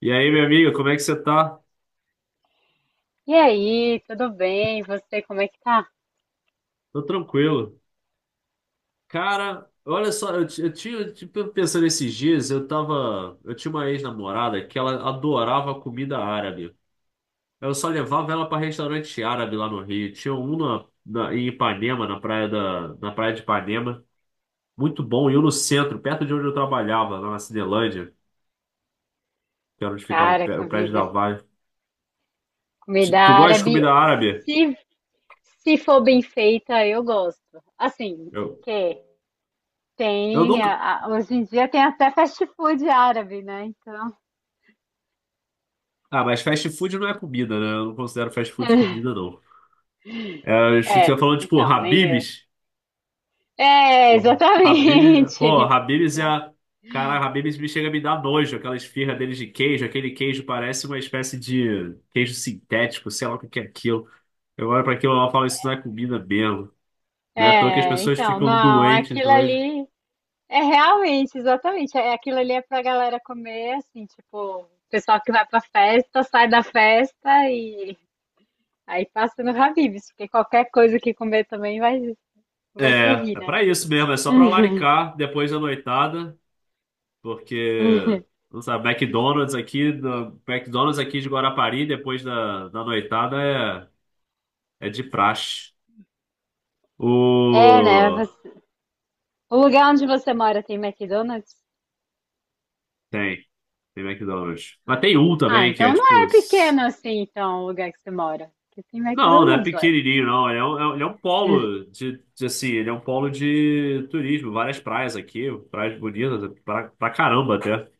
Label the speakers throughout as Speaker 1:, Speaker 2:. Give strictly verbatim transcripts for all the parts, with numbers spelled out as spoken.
Speaker 1: E aí, minha amiga, como é que você tá?
Speaker 2: E aí, tudo bem? Você, como é que tá?
Speaker 1: Tô tranquilo. Cara, olha só, eu, ti- eu tinha, tipo, pensando esses dias, eu tava, eu tinha uma ex-namorada que ela adorava comida árabe. Eu só levava ela pra restaurante árabe lá no Rio. Tinha um na, na- em Ipanema, na praia da, na praia de Ipanema, muito bom, e um no centro, perto de onde eu trabalhava, lá na Cinelândia, que era onde ficava o
Speaker 2: Cara,
Speaker 1: pé- o prédio
Speaker 2: comida,
Speaker 1: da Vale. Ti-
Speaker 2: comida
Speaker 1: Tu gosta de
Speaker 2: árabe,
Speaker 1: comida árabe?
Speaker 2: se, se for bem feita, eu gosto. Assim,
Speaker 1: Eu,
Speaker 2: que
Speaker 1: eu
Speaker 2: tem,
Speaker 1: nunca.
Speaker 2: a- a- hoje em dia tem até fast food árabe, né? Então,
Speaker 1: Ah, mas fast food não é comida, né? Eu não considero fast food comida, não. É, acho que você
Speaker 2: é,
Speaker 1: falou, tipo,
Speaker 2: então, nem eu.
Speaker 1: Habib's.
Speaker 2: É,
Speaker 1: Porra, Habib, pô,
Speaker 2: exatamente.
Speaker 1: Habib's é a. Cara, Habib's me chega a me dar nojo, aquela esfirra deles de queijo. Aquele queijo parece uma espécie de queijo sintético, sei lá o que que é aquilo. Eu olho pra aquilo e falo, isso não é comida mesmo. Não é à toa que as
Speaker 2: É,
Speaker 1: pessoas
Speaker 2: então,
Speaker 1: ficam
Speaker 2: não,
Speaker 1: doentes
Speaker 2: aquilo
Speaker 1: hoje.
Speaker 2: ali é realmente, exatamente, é, aquilo ali é pra galera comer, assim, tipo, o pessoal que vai pra festa, sai da festa. Aí passa no Habib's, porque qualquer coisa que comer também vai, vai
Speaker 1: É,
Speaker 2: servir,
Speaker 1: é
Speaker 2: né?
Speaker 1: pra isso mesmo, é só pra laricar depois da noitada, porque, não sabe, McDonald's aqui, do- McDonald's aqui de Guarapari, depois da, da noitada, é, é de praxe.
Speaker 2: É, né?
Speaker 1: O...
Speaker 2: Você- o lugar onde você mora tem McDonald's?
Speaker 1: Tem, tem McDonald's. Mas
Speaker 2: Ai.
Speaker 1: tem um
Speaker 2: Ah,
Speaker 1: também que é
Speaker 2: então não
Speaker 1: tipo.
Speaker 2: é
Speaker 1: s-
Speaker 2: pequeno assim, então, o lugar que você mora. Porque tem
Speaker 1: Não, não é
Speaker 2: McDonald's, ué.
Speaker 1: pequenininho, não. Ele é um, é um ele é um polo de, de, assim, ele é um polo de turismo. Várias praias aqui, praias bonitas pra, pra caramba até.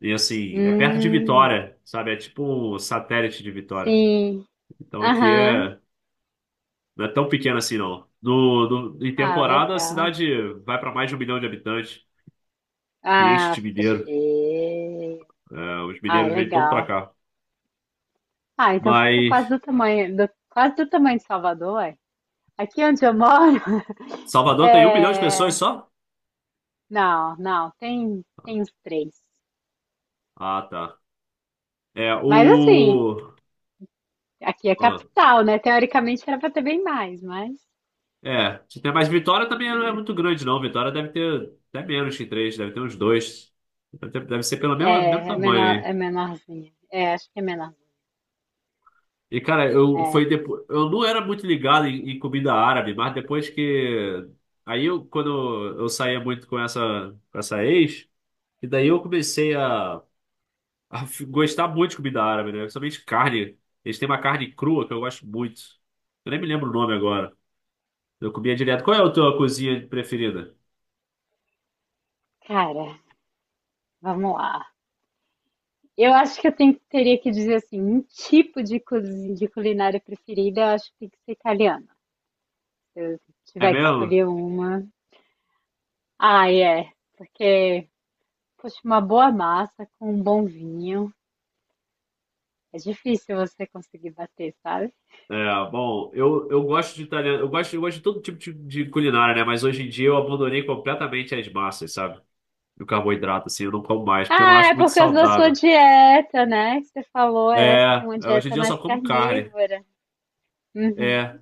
Speaker 1: E assim, é perto de
Speaker 2: Hum,
Speaker 1: Vitória, sabe? É tipo um satélite de Vitória.
Speaker 2: sim.
Speaker 1: Então aqui
Speaker 2: Aham.
Speaker 1: é, não é tão pequeno assim, não. No, no- em
Speaker 2: Ah,
Speaker 1: temporada, a
Speaker 2: legal.
Speaker 1: cidade vai pra mais de um milhão de habitantes, que enche
Speaker 2: Ah,
Speaker 1: de
Speaker 2: fica
Speaker 1: mineiro.
Speaker 2: cheio.
Speaker 1: É, os
Speaker 2: Ah,
Speaker 1: mineiros vêm todos pra
Speaker 2: legal.
Speaker 1: cá.
Speaker 2: Ah, então fica
Speaker 1: Mas
Speaker 2: quase do tamanho, do- quase do tamanho de Salvador, ué. Aqui onde eu moro,
Speaker 1: Salvador tem um milhão de pessoas
Speaker 2: é,
Speaker 1: só?
Speaker 2: não, não, tem, tem os três.
Speaker 1: Ah, tá. É,
Speaker 2: Mas assim,
Speaker 1: o.
Speaker 2: aqui é
Speaker 1: ah,
Speaker 2: capital, né? Teoricamente era para ter bem mais, mas
Speaker 1: é, tem- mas Vitória também não é muito grande, não. Vitória deve ter até menos que três, deve ter uns dois. Deve ter- deve ser pelo
Speaker 2: é,
Speaker 1: mesmo, mesmo
Speaker 2: é
Speaker 1: tamanho
Speaker 2: menor,
Speaker 1: aí.
Speaker 2: é menorzinha. É, acho que é menor.
Speaker 1: E, cara, eu foi
Speaker 2: É,
Speaker 1: depois. Eu não era muito ligado em, em comida árabe, mas depois que. Aí eu, quando eu saía muito com essa, com essa ex, e daí eu comecei a, a f- gostar muito de comida árabe, né? Principalmente carne. Eles têm uma carne crua que eu gosto muito. Eu nem me lembro o nome agora. Eu comia direto. Qual é a tua cozinha preferida?
Speaker 2: cara, vamos lá. Eu acho que eu tenho- teria que dizer assim, um tipo de, cozi- de culinária preferida, eu acho que tem que ser italiana. Se
Speaker 1: É
Speaker 2: tiver que
Speaker 1: mesmo?
Speaker 2: escolher uma. Ah, é. Porque, poxa, uma boa massa com um bom vinho. É difícil você conseguir bater, sabe?
Speaker 1: É, bom, eu, eu gosto de italiano, eu gosto, eu gosto de todo tipo de, de culinária, né? Mas hoje em dia eu abandonei completamente as massas, sabe? O carboidrato, assim, eu não como mais, porque eu não
Speaker 2: Ah, é
Speaker 1: acho muito
Speaker 2: por causa da sua
Speaker 1: saudável.
Speaker 2: dieta, né? Que você falou, é, você tem
Speaker 1: É,
Speaker 2: uma
Speaker 1: é, hoje em
Speaker 2: dieta
Speaker 1: dia eu só
Speaker 2: mais
Speaker 1: como carne.
Speaker 2: carnívora.
Speaker 1: É,
Speaker 2: Uhum.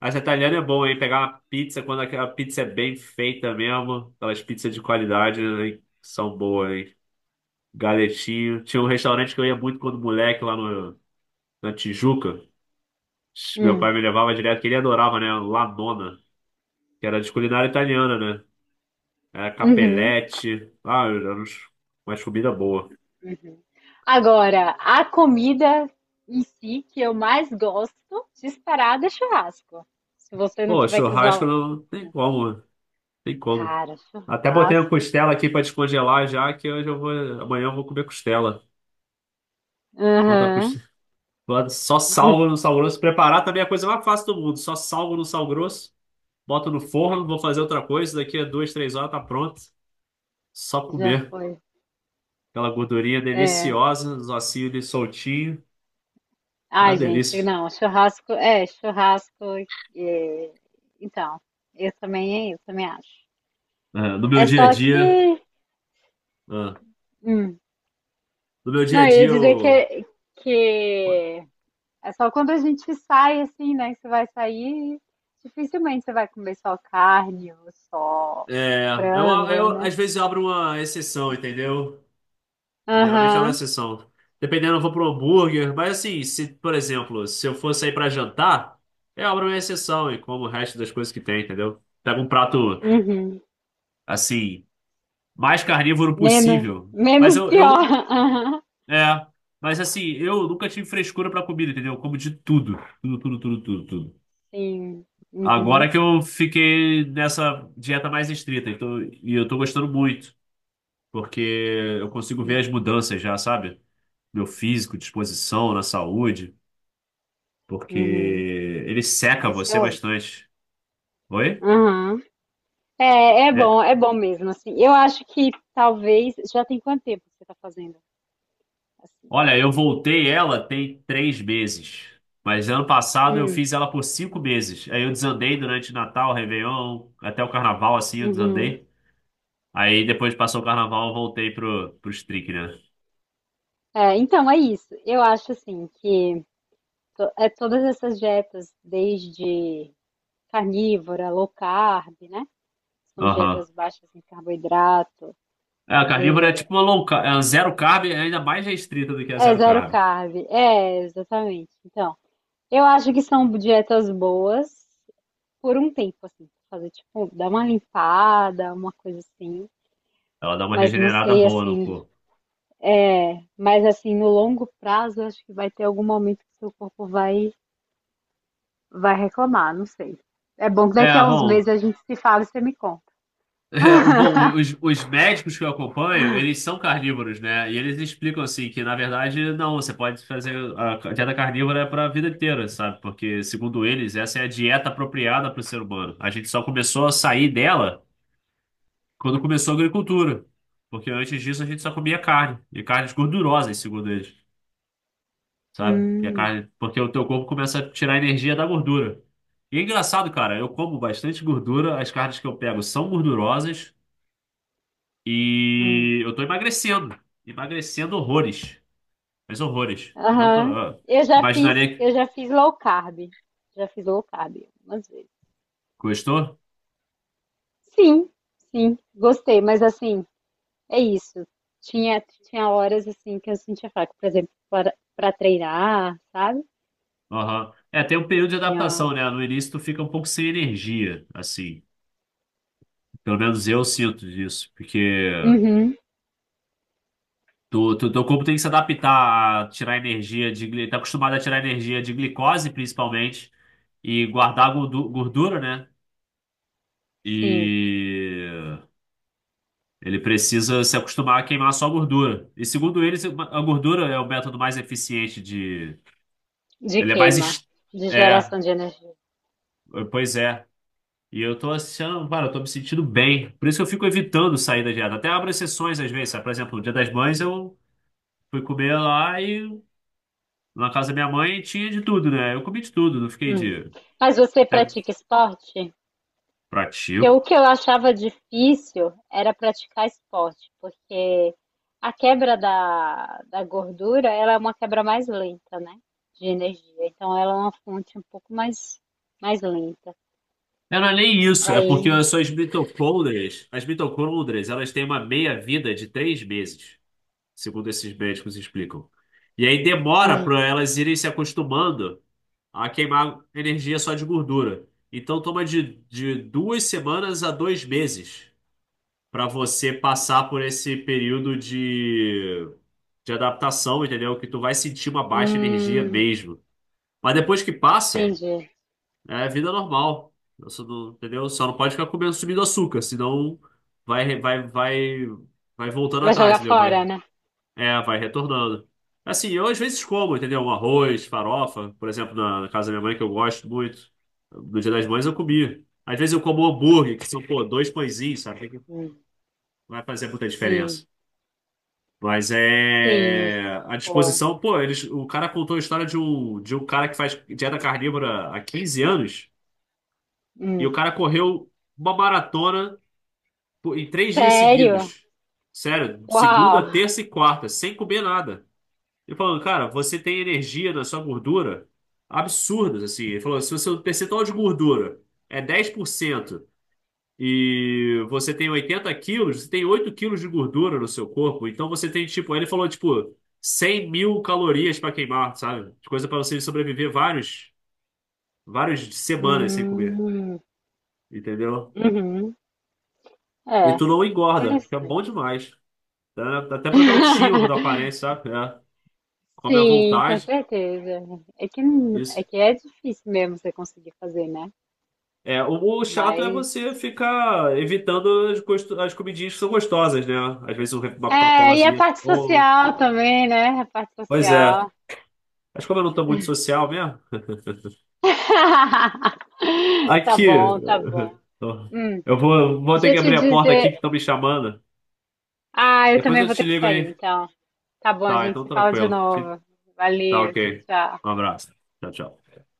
Speaker 1: as italianas é bom, hein? Pegar uma pizza quando aquela pizza é bem feita mesmo, aquelas pizzas de qualidade, né? São boas, hein? Galetinho. Tinha um restaurante que eu ia muito quando moleque lá no, na Tijuca. Meu pai
Speaker 2: Hum.
Speaker 1: me levava direto, que ele adorava, né? Lanona que era de culinária italiana, né? Era
Speaker 2: Uhum.
Speaker 1: capelete. Ah, era uns- umas comida boa.
Speaker 2: Agora, a comida em si que eu mais gosto, disparada, é churrasco. Se você não
Speaker 1: Pô,
Speaker 2: tiver que
Speaker 1: churrasco
Speaker 2: usar.
Speaker 1: não tem
Speaker 2: O-
Speaker 1: como, tem como.
Speaker 2: cara,
Speaker 1: Até botei uma
Speaker 2: churrasco.
Speaker 1: costela aqui pra descongelar já, que hoje eu vou, amanhã eu vou comer costela. Bota a
Speaker 2: Aham,
Speaker 1: costela. Só salgo no sal grosso. Preparar também é a coisa mais fácil do mundo. Só salgo no sal grosso, boto no forno, vou fazer outra coisa. Daqui a duas, três horas tá pronto. Só
Speaker 2: já
Speaker 1: comer.
Speaker 2: foi.
Speaker 1: Aquela gordurinha
Speaker 2: É.
Speaker 1: deliciosa, os ossinhos ali soltinhos. Ah,
Speaker 2: Ai, gente,
Speaker 1: delícia.
Speaker 2: não, churrasco. É, churrasco. É, então, eu também, eu também acho.
Speaker 1: É, no meu
Speaker 2: É
Speaker 1: dia a
Speaker 2: só
Speaker 1: dia.
Speaker 2: que.
Speaker 1: ah,
Speaker 2: hum,
Speaker 1: no meu dia a
Speaker 2: Não, eu
Speaker 1: dia,
Speaker 2: ia dizer
Speaker 1: eu.
Speaker 2: que, que é só quando a gente sai assim, né? Que você vai sair, dificilmente você vai comer só carne ou só
Speaker 1: É, eu,
Speaker 2: frango,
Speaker 1: eu,
Speaker 2: né?
Speaker 1: às vezes eu abro uma exceção, entendeu? Geralmente eu abro uma
Speaker 2: Aham,
Speaker 1: exceção. Dependendo, eu vou pro hambúrguer. Mas assim, se, por exemplo, se eu for sair pra jantar, eu abro uma exceção e como o resto das coisas que tem, entendeu? Pego um prato,
Speaker 2: uhum.
Speaker 1: assim, mais carnívoro
Speaker 2: Menos,
Speaker 1: possível. Mas
Speaker 2: menos
Speaker 1: eu,
Speaker 2: pior.
Speaker 1: eu,
Speaker 2: Aham,
Speaker 1: é. Mas assim, eu nunca tive frescura pra comida, entendeu? Eu como de tudo. Tudo, tudo, tudo, tudo, tudo.
Speaker 2: sim.
Speaker 1: Agora
Speaker 2: Uhum.
Speaker 1: que eu fiquei nessa dieta mais estrita, então, e eu tô gostando muito, porque eu consigo ver as
Speaker 2: Sim.
Speaker 1: mudanças já, sabe? Meu físico, disposição, na saúde, porque
Speaker 2: Uhum.
Speaker 1: ele
Speaker 2: Ah,
Speaker 1: seca
Speaker 2: isso é
Speaker 1: você
Speaker 2: ótimo.
Speaker 1: bastante. Oi?
Speaker 2: Aham. É, é
Speaker 1: É.
Speaker 2: bom, é bom mesmo, assim. Eu acho que talvez. Já tem quanto tempo que você tá fazendo assim?
Speaker 1: Olha, eu voltei ela tem três meses, mas ano passado eu
Speaker 2: Hum,
Speaker 1: fiz ela por cinco meses. Aí eu desandei durante Natal, Réveillon, até o Carnaval, assim, eu
Speaker 2: uhum.
Speaker 1: desandei. Aí depois passou o Carnaval, eu voltei pro, pro strict né?
Speaker 2: É, então, é isso. Eu acho assim que. to- é todas essas dietas, desde carnívora, low carb, né? São
Speaker 1: Aham.
Speaker 2: dietas baixas em carboidrato.
Speaker 1: É, a carnívora é tipo uma low carb, é uma zero carb, é ainda mais restrita do que a
Speaker 2: É,
Speaker 1: zero
Speaker 2: zero
Speaker 1: carb.
Speaker 2: carb. É, exatamente. Então, eu acho que são dietas boas por um tempo, assim. Fazer, tipo, dar uma limpada, uma coisa assim.
Speaker 1: Ela dá uma
Speaker 2: Mas não
Speaker 1: regenerada
Speaker 2: sei,
Speaker 1: boa no
Speaker 2: assim,
Speaker 1: corpo.
Speaker 2: é, mas assim, no longo prazo, eu acho que vai ter algum momento que seu corpo vai, vai reclamar, não sei. É bom que
Speaker 1: É,
Speaker 2: daqui a uns
Speaker 1: bom,
Speaker 2: meses a gente se fala e você me conta.
Speaker 1: é, o, bom, os, os médicos que eu acompanho, eles são carnívoros, né? E eles explicam assim que, na verdade, não, você pode fazer a dieta carnívora para a vida inteira, sabe? Porque, segundo eles, essa é a dieta apropriada para o ser humano. A gente só começou a sair dela quando começou a agricultura. Porque antes disso a gente só comia carne, e carnes gordurosas, segundo eles. Sabe? Que a
Speaker 2: Hum.
Speaker 1: carne, porque o teu corpo começa a tirar energia da gordura. E é engraçado, cara, eu como bastante gordura, as carnes que eu pego são gordurosas
Speaker 2: Hum,
Speaker 1: e eu tô emagrecendo, emagrecendo horrores, mas horrores. Não tô,
Speaker 2: aham.
Speaker 1: ah,
Speaker 2: Eu já fiz,
Speaker 1: imaginaria que
Speaker 2: eu já fiz low carb. Já fiz low carb algumas vezes.
Speaker 1: gostou?
Speaker 2: Sim, sim, gostei, mas assim, é isso. Tinha, tinha horas assim que eu sentia fraco, por exemplo, para, para treinar, sabe?
Speaker 1: Aham. É, tem um período de
Speaker 2: Tinha.
Speaker 1: adaptação, né? No início tu fica um pouco sem energia, assim. Pelo menos eu sinto isso, porque
Speaker 2: Uhum,
Speaker 1: Tu, tu, teu corpo tem que se adaptar a tirar energia de. gli- Tá acostumado a tirar energia de glicose, principalmente. E guardar gordu- gordura, né?
Speaker 2: sim,
Speaker 1: E ele precisa se acostumar a queimar só gordura. E segundo ele, a gordura é o método mais eficiente de.
Speaker 2: de
Speaker 1: Ele é mais.
Speaker 2: queima,
Speaker 1: es-
Speaker 2: de
Speaker 1: É,
Speaker 2: geração de energia.
Speaker 1: pois é. E eu tô achando, cara, eu tô me sentindo bem. Por isso que eu fico evitando sair da dieta. Até abro exceções às vezes, sabe? Por exemplo, no Dia das Mães eu fui comer lá e na casa da minha mãe tinha de tudo, né? Eu comi de tudo, não fiquei
Speaker 2: Uhum.
Speaker 1: de.
Speaker 2: Mas você
Speaker 1: Até
Speaker 2: pratica esporte? Que o
Speaker 1: pratico.
Speaker 2: que eu achava difícil era praticar esporte, porque a quebra da, da gordura, ela é uma quebra mais lenta, né? De energia. Então ela é uma fonte um pouco mais, mais lenta.
Speaker 1: É não é nem isso, é porque
Speaker 2: Aí,
Speaker 1: as suas mitocôndrias, as mitocôndrias, elas têm uma meia-vida de três meses, segundo esses médicos explicam. E aí demora
Speaker 2: hum,
Speaker 1: para elas irem se acostumando a queimar energia só de gordura. Então toma de, de duas semanas a dois meses para você passar por esse período de, de adaptação, entendeu? Que tu vai sentir uma baixa energia
Speaker 2: hum,
Speaker 1: mesmo. Mas depois que passa,
Speaker 2: entendi.
Speaker 1: é vida normal. Eu só não- Entendeu? Só não pode ficar comendo subindo açúcar, senão vai, vai, vai, vai voltando
Speaker 2: Vai
Speaker 1: atrás,
Speaker 2: jogar
Speaker 1: entendeu?
Speaker 2: fora,
Speaker 1: Vai,
Speaker 2: né?
Speaker 1: é, vai retornando. Assim, eu às vezes como, entendeu? Um arroz, farofa, por exemplo, na, na casa da minha mãe, que eu gosto muito. No Dia das Mães eu comi. Às vezes eu como hambúrguer, que são, pô, dois pãezinhos, sabe? Que não
Speaker 2: Hum,
Speaker 1: vai fazer muita diferença.
Speaker 2: sim,
Speaker 1: Mas
Speaker 2: sim,
Speaker 1: é. A
Speaker 2: pô.
Speaker 1: disposição, pô, eles, o cara contou a história de um, de um cara que faz dieta carnívora há quinze anos. E o
Speaker 2: Hum.
Speaker 1: cara correu uma maratona por- em três dias
Speaker 2: Sério?
Speaker 1: seguidos. Sério,
Speaker 2: Uau!
Speaker 1: segunda, terça e quarta, sem comer nada. Ele falou, cara, você tem energia na sua gordura absurdas, assim. Ele falou, se você, o percentual de gordura é dez por cento e você tem oitenta quilos, você tem oito quilos de gordura no seu corpo. Então você tem, tipo, ele falou, tipo, cem mil calorias para queimar, sabe? Coisa para você sobreviver vários, várias semanas sem comer,
Speaker 2: Hum,
Speaker 1: entendeu?
Speaker 2: uhum.
Speaker 1: E
Speaker 2: É,
Speaker 1: tu não engorda, que é bom
Speaker 2: interessante.
Speaker 1: demais. Tá? Até pra tua autoestima, pra tua aparência, sabe? É. Come à
Speaker 2: Sim, com
Speaker 1: vontade.
Speaker 2: certeza. É que, não- é
Speaker 1: Isso.
Speaker 2: que é difícil mesmo você conseguir fazer, né?
Speaker 1: É, o, o chato é
Speaker 2: Mas.
Speaker 1: você ficar evitando as, gosto- as comidinhas que são gostosas, né? Às vezes um re- uma
Speaker 2: É, e a
Speaker 1: Coca-Colazinha.
Speaker 2: parte
Speaker 1: Ou...
Speaker 2: social também, né? A parte
Speaker 1: Pois é.
Speaker 2: social.
Speaker 1: Mas como eu não tô muito social mesmo.
Speaker 2: Tá
Speaker 1: Aqui.
Speaker 2: bom, tá bom. Hum,
Speaker 1: Eu vou, vou
Speaker 2: deixa
Speaker 1: ter
Speaker 2: eu
Speaker 1: que
Speaker 2: te
Speaker 1: abrir a porta aqui
Speaker 2: dizer.
Speaker 1: que estão me chamando.
Speaker 2: Ah, eu
Speaker 1: Depois
Speaker 2: também
Speaker 1: eu
Speaker 2: vou
Speaker 1: te
Speaker 2: ter que
Speaker 1: ligo
Speaker 2: sair,
Speaker 1: aí.
Speaker 2: então. Tá bom, a
Speaker 1: Tá,
Speaker 2: gente
Speaker 1: então
Speaker 2: se fala de
Speaker 1: tranquilo. Te-
Speaker 2: novo.
Speaker 1: Tá
Speaker 2: Valeu, tchau,
Speaker 1: ok.
Speaker 2: tchau.
Speaker 1: Um abraço. Tchau, tchau.